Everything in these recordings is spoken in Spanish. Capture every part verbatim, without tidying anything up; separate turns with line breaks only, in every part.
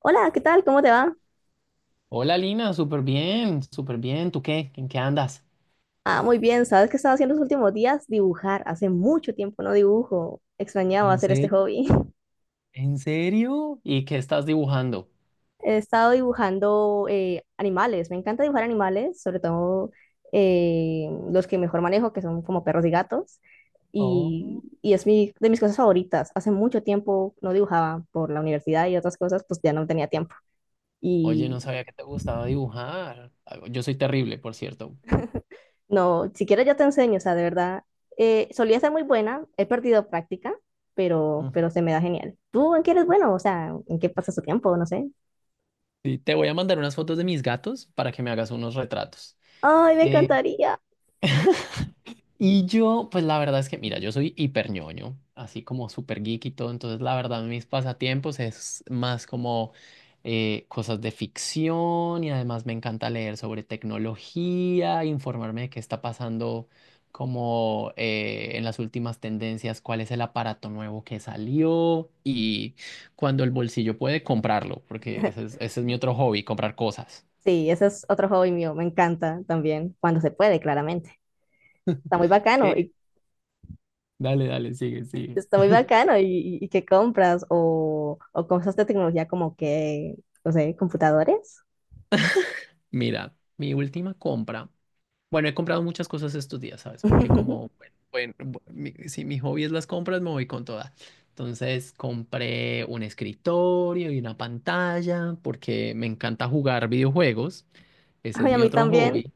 Hola, ¿qué tal? ¿Cómo te va?
Hola Lina, súper bien, súper bien. ¿Tú qué? ¿En qué andas?
Ah, muy bien. ¿Sabes qué estaba haciendo los últimos días? Dibujar. Hace mucho tiempo no dibujo. Extrañaba
¿En
hacer este
serio?
hobby.
¿En serio? ¿Y qué estás dibujando?
He estado dibujando eh, animales. Me encanta dibujar animales, sobre todo eh, los que mejor manejo, que son como perros y gatos. Y,
Oh,
y es mi, de mis cosas favoritas. Hace mucho tiempo no dibujaba por la universidad y otras cosas, pues ya no tenía tiempo.
oye, no sabía que te gustaba dibujar. Ah, yo soy terrible, por cierto.
No, si quieres yo te enseño, o sea, de verdad, eh, solía ser muy buena, he perdido práctica, pero,
Ujú.
pero se me da genial. ¿Tú en qué eres bueno? O sea, ¿en qué pasas tu tiempo? No sé.
Sí, te voy a mandar unas fotos de mis gatos para que me hagas unos retratos.
Ay, me encantaría.
Y yo, pues la verdad es que, mira, yo soy hiper ñoño, así como super geek y todo, entonces la verdad mis pasatiempos es más como eh, cosas de ficción y además me encanta leer sobre tecnología, informarme de qué está pasando como eh, en las últimas tendencias, cuál es el aparato nuevo que salió y cuando el bolsillo puede comprarlo, porque ese es, ese es mi otro hobby, comprar cosas.
Sí, ese es otro hobby mío, me encanta también, cuando se puede, claramente. Está muy bacano,
¿Qué?
y
Dale, dale, sigue, sigue.
está muy bacano, y, y- y que compras o, o cosas de tecnología como que, no sé, computadores.
Mira, mi última compra. Bueno, he comprado muchas cosas estos días, ¿sabes? Porque como, bueno, bueno, mi- si mi hobby es las compras, me voy con toda. Entonces compré un escritorio y una pantalla porque me encanta jugar videojuegos. Ese es
Ay, a
mi
mí
otro
también.
hobby.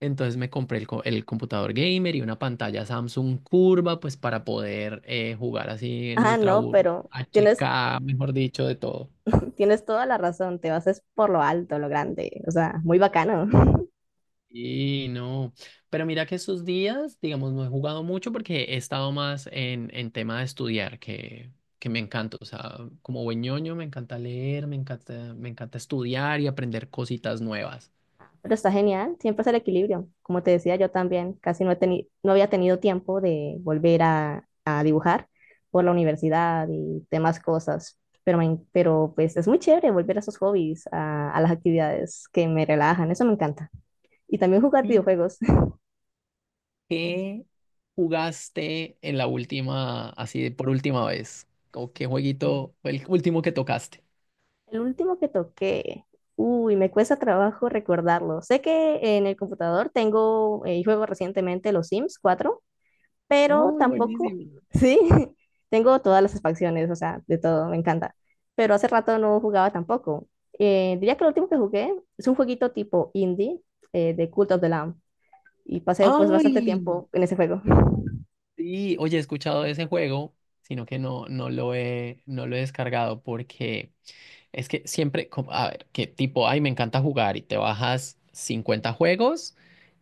Entonces me compré el, co- el computador gamer y una pantalla Samsung curva, pues para poder eh, jugar así en
Ah,
Ultra
no,
U-
pero... ¿Tienes,
H K, mejor dicho, de todo.
tienes toda la razón, te vas es por lo alto, lo grande, o sea, muy bacano.
Y no, pero mira que esos días, digamos, no he jugado mucho porque he estado más en, en tema de estudiar, que, que me encanta, o sea, como buen ñoño me encanta leer, me encanta, me encanta estudiar y aprender cositas nuevas.
Pero está genial, siempre es el equilibrio. Como te decía, yo también casi no, he teni- no había tenido tiempo de volver a, a dibujar por la universidad y demás cosas. Pero, me en- pero pues es muy chévere volver a esos hobbies, a, a las actividades que me relajan, eso me encanta. Y también jugar
¿Y
videojuegos.
qué jugaste en la última, así de por última vez? ¿O qué jueguito fue el último que tocaste?
El último que toqué, uy, me cuesta trabajo recordarlo. Sé que en el computador tengo, eh, juego recientemente los Sims cuatro, pero
¡Ay,
tampoco,
buenísimo!
sí, tengo todas las facciones, o sea, de todo, me encanta. Pero hace rato no jugaba tampoco. Eh, diría que lo último que jugué es un jueguito tipo indie, eh, de Cult of the Lamb, y pasé pues bastante
¡Ay!
tiempo en ese juego.
Sí, oye, he escuchado de ese juego, sino que no, no lo he, no lo he descargado porque... Es que siempre, como- a ver, que tipo, ay, me encanta jugar y te bajas cincuenta juegos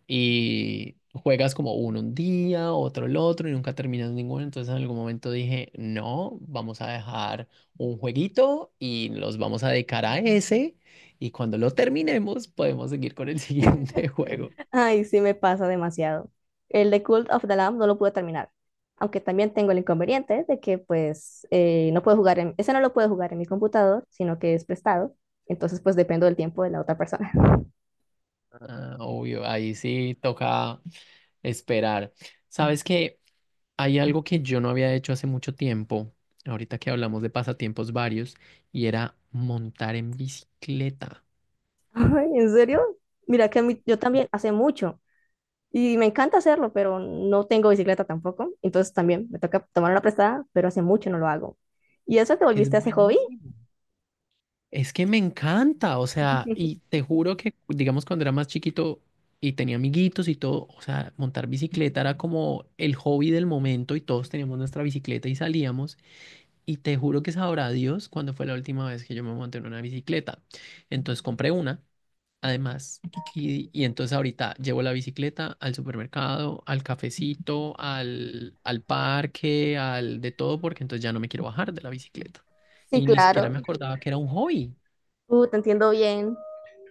y juegas como uno un día, otro el otro y nunca terminas ninguno. Entonces en algún momento dije, no, vamos a dejar un jueguito y los vamos a dedicar a ese y cuando lo terminemos podemos seguir con el siguiente juego.
Ay, sí me pasa demasiado. El de Cult of the Lamb no lo pude terminar, aunque también tengo el inconveniente de que pues eh, no puedo jugar en, ese no lo puedo jugar en mi computador, sino que es prestado, entonces pues dependo del tiempo de la otra persona.
Ah, obvio, ahí sí toca esperar. ¿Sabes qué? Hay algo que yo no había hecho hace mucho tiempo, ahorita que hablamos de pasatiempos varios, y era montar en bicicleta,
Ay, ¿en serio? Mira que a mí, yo también hace mucho y me encanta hacerlo, pero no tengo bicicleta tampoco, entonces también me toca tomar una prestada, pero hace mucho no lo hago. ¿Y eso te
que
volviste
es
a ese hobby?
buenísimo. Es que me encanta, o sea, y te juro que, digamos, cuando era más chiquito y tenía amiguitos y todo, o sea, montar bicicleta era como el hobby del momento y todos teníamos nuestra bicicleta y salíamos, y te juro que sabrá Dios cuándo fue la última vez que yo me monté en una bicicleta. Entonces compré una. Además, y, y entonces ahorita llevo la bicicleta al supermercado, al cafecito, al, al parque, al de todo, porque entonces ya no me quiero bajar de la bicicleta.
Sí,
Y ni siquiera
claro.
me acordaba que era un hobby.
Uh, te entiendo bien.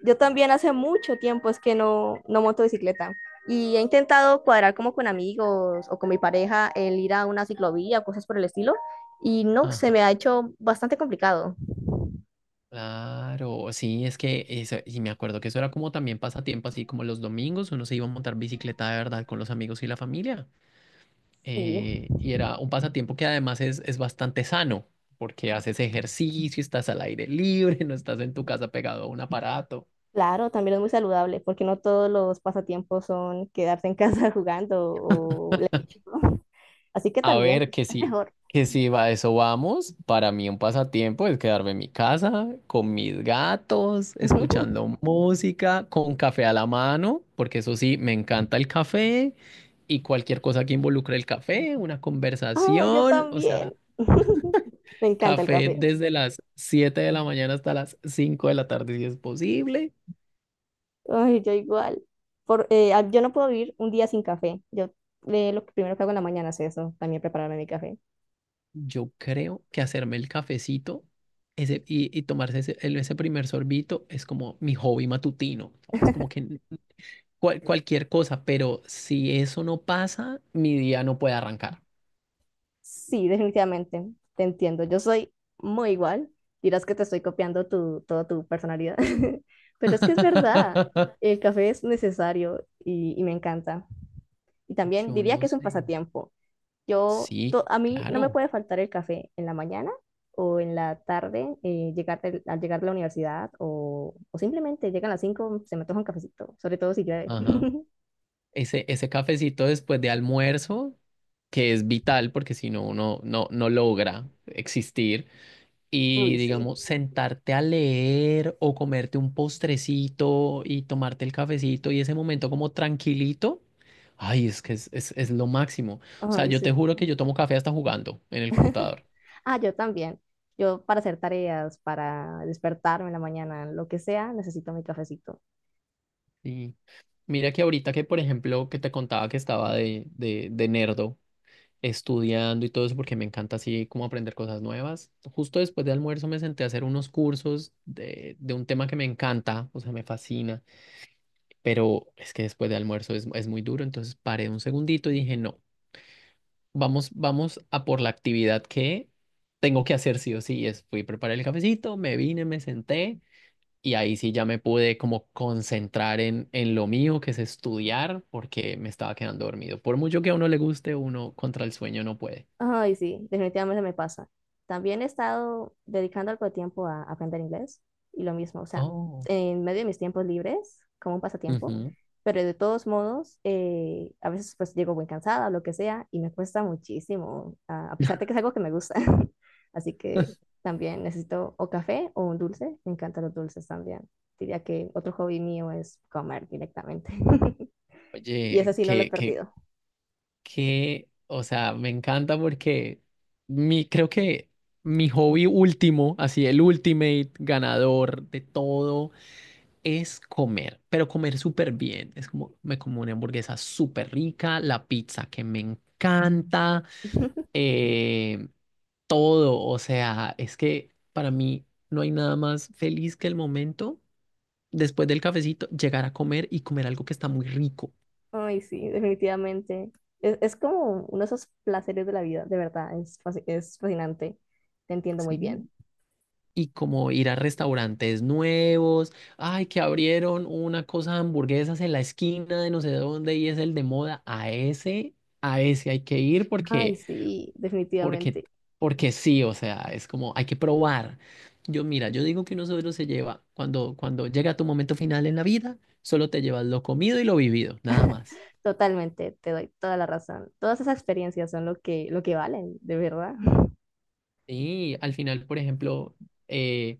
Yo también hace mucho tiempo es que no, no monto bicicleta y he intentado cuadrar como con amigos o con mi pareja el ir a una ciclovía o cosas por el estilo y no, se me ha
Ajá,
hecho bastante complicado.
claro, sí, es que eso, y me acuerdo que eso era como también pasatiempo, así como los domingos uno se iba a montar bicicleta de verdad con los amigos y la familia.
Sí,
Eh, y era un pasatiempo que además es, es, bastante sano, porque haces ejercicio, estás al aire libre, no estás en tu casa pegado a un aparato.
claro, también es muy saludable porque no todos los pasatiempos son quedarse en casa jugando o leyendo. Así que
A
también
ver, que
es
sí,
mejor.
que sí, va, a eso vamos. Para mí un pasatiempo es quedarme en mi casa con mis gatos, escuchando música, con café a la mano, porque eso sí, me encanta el café y cualquier cosa que involucre el café, una
Ah, yo
conversación, o sea,
también. Me encanta el
café
café.
desde las siete de la mañana hasta las cinco de la tarde si es posible.
Ay, yo igual. Por, eh, ah, yo no puedo vivir un día sin café. Yo eh, lo que primero que hago en la mañana es eso, también prepararme mi café.
Yo creo que hacerme el cafecito ese, y, y tomarse ese, el- ese primer sorbito es como mi hobby matutino, ¿sabes? Como que cual- cualquier cosa, pero si eso no pasa, mi día no puede arrancar.
Sí, definitivamente, te entiendo. Yo soy muy igual. Dirás que te estoy copiando tu, toda tu personalidad, pero es que es verdad. El café es necesario y, y me encanta. Y también
Yo
diría
no
que es un
sé.
pasatiempo. Yo,
Sí,
to- a mí no me
claro.
puede faltar el café en la mañana o en la tarde, eh, llegar del- al llegar de la universidad o, o simplemente llegan a las cinco se me antoja un cafecito, sobre todo si llueve.
Ajá. Ese, ese cafecito después de almuerzo, que es vital porque si no, uno no, no logra existir. Y
Uy, sí.
digamos, sentarte a leer o comerte un postrecito y tomarte el cafecito y ese momento como tranquilito. Ay, es que es, es, es lo máximo. O sea,
Ay,
yo te
sí.
juro que yo tomo café hasta jugando en el computador.
Ah, yo también. Yo para hacer tareas, para despertarme en la mañana, lo que sea, necesito mi cafecito.
Sí. Mira que ahorita que, por ejemplo, que te contaba que estaba de, de, de nerdo estudiando y todo eso, porque me encanta así como aprender cosas nuevas. Justo después de almuerzo me senté a hacer unos cursos de, de un tema que me encanta, o sea, me fascina, pero es que después de almuerzo es, es, muy duro, entonces paré un segundito y dije, no, vamos, vamos a por la actividad que tengo que hacer sí o sí. Y es, fui a preparar el cafecito, me vine, me senté. Y ahí sí ya me pude como concentrar en, en lo mío, que es estudiar, porque me estaba quedando dormido. Por mucho que a uno le guste, uno contra el sueño no puede.
Ay, sí, definitivamente me pasa. También he estado dedicando algo de tiempo a aprender inglés y lo mismo, o sea,
Oh.
en medio de mis tiempos libres, como un pasatiempo,
Ujú.
pero de todos modos, eh, a veces pues llego muy cansada o lo que sea y me cuesta muchísimo, a, a pesar de que es algo que me gusta. Así que también necesito o café o un dulce, me encantan los dulces también. Diría que otro hobby mío es comer directamente. Y
Oye,
ese sí no lo he
que, que,
perdido.
que, o sea, me encanta porque mi, creo que mi hobby último, así el ultimate ganador de todo es comer, pero comer súper bien. Es como me como una hamburguesa súper rica, la pizza que me encanta, eh, todo. O sea, es que para mí no hay nada más feliz que el momento después del cafecito llegar a comer y comer algo que está muy rico,
Ay, sí, definitivamente. Es, es como uno de esos placeres de la vida, de verdad, es, fasci- es fascinante. Te entiendo muy bien.
¿sí? Y como ir a restaurantes nuevos, ay, que abrieron una cosa de hamburguesas en la esquina de no sé dónde y es el de moda, a ese, a ese hay que ir
Ay,
porque...
sí,
porque,
definitivamente.
porque sí, o sea, es como hay que probar. Yo, mira, yo digo que uno solo se lleva, cuando, cuando llega tu momento final en la vida, solo te llevas lo comido y lo vivido, nada más.
Totalmente, te doy toda la razón. Todas esas experiencias son lo que, lo que valen, de verdad.
Sí, al final, por ejemplo, eh,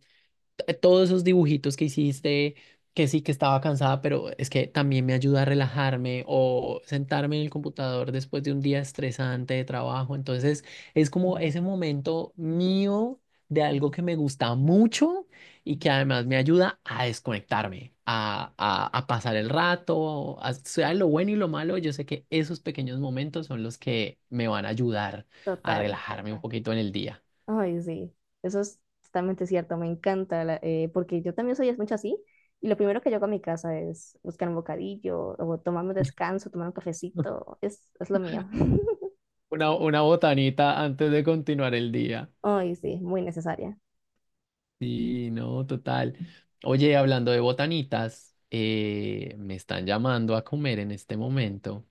t- todos esos dibujitos que hiciste, que sí que estaba cansada, pero es que también me ayuda a relajarme o sentarme en el computador después de un día estresante de trabajo. Entonces es como ese momento mío de algo que me gusta mucho y que además me ayuda a desconectarme, a, a, a pasar el rato, a- sea lo bueno y lo malo, yo sé que esos pequeños momentos son los que me van a ayudar a
Total.
relajarme un poquito en el día.
Ay, sí, eso es totalmente cierto, me encanta, la- eh, porque yo también soy mucho así, y lo primero que yo hago a mi casa es buscar un bocadillo, o tomarme un descanso, tomar un cafecito, es, es lo mío.
Una, una botanita antes de continuar el día.
Ay, sí, muy necesaria.
Sí, no, total. Oye, hablando de botanitas, eh, me están llamando a comer en este momento.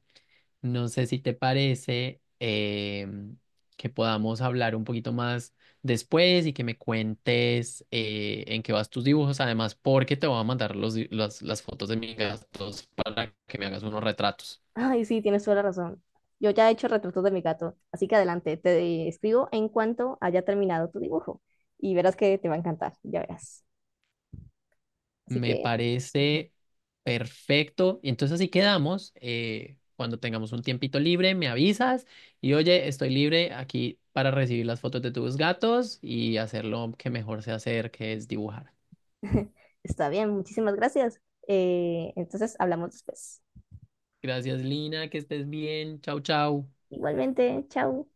No sé si te parece em, que podamos hablar un poquito más después y que me cuentes eh, en qué vas tus dibujos, además, porque te voy a mandar los di- las, las fotos de mis gastos para que me hagas unos retratos.
Ay, sí, tienes toda la razón. Yo ya he hecho retratos de mi gato, así que adelante, te escribo en cuanto haya terminado tu dibujo, y verás que te va a encantar, ya verás. Así
Me
que
parece perfecto. Y entonces así quedamos. Eh, cuando tengamos un tiempito libre, me avisas y oye, estoy libre aquí para recibir las fotos de tus gatos y hacer lo que mejor sé hacer, que es dibujar.
está bien, muchísimas gracias. Eh, entonces hablamos después.
Gracias, Lina, que estés bien. Chau, chau.
Igualmente, chao.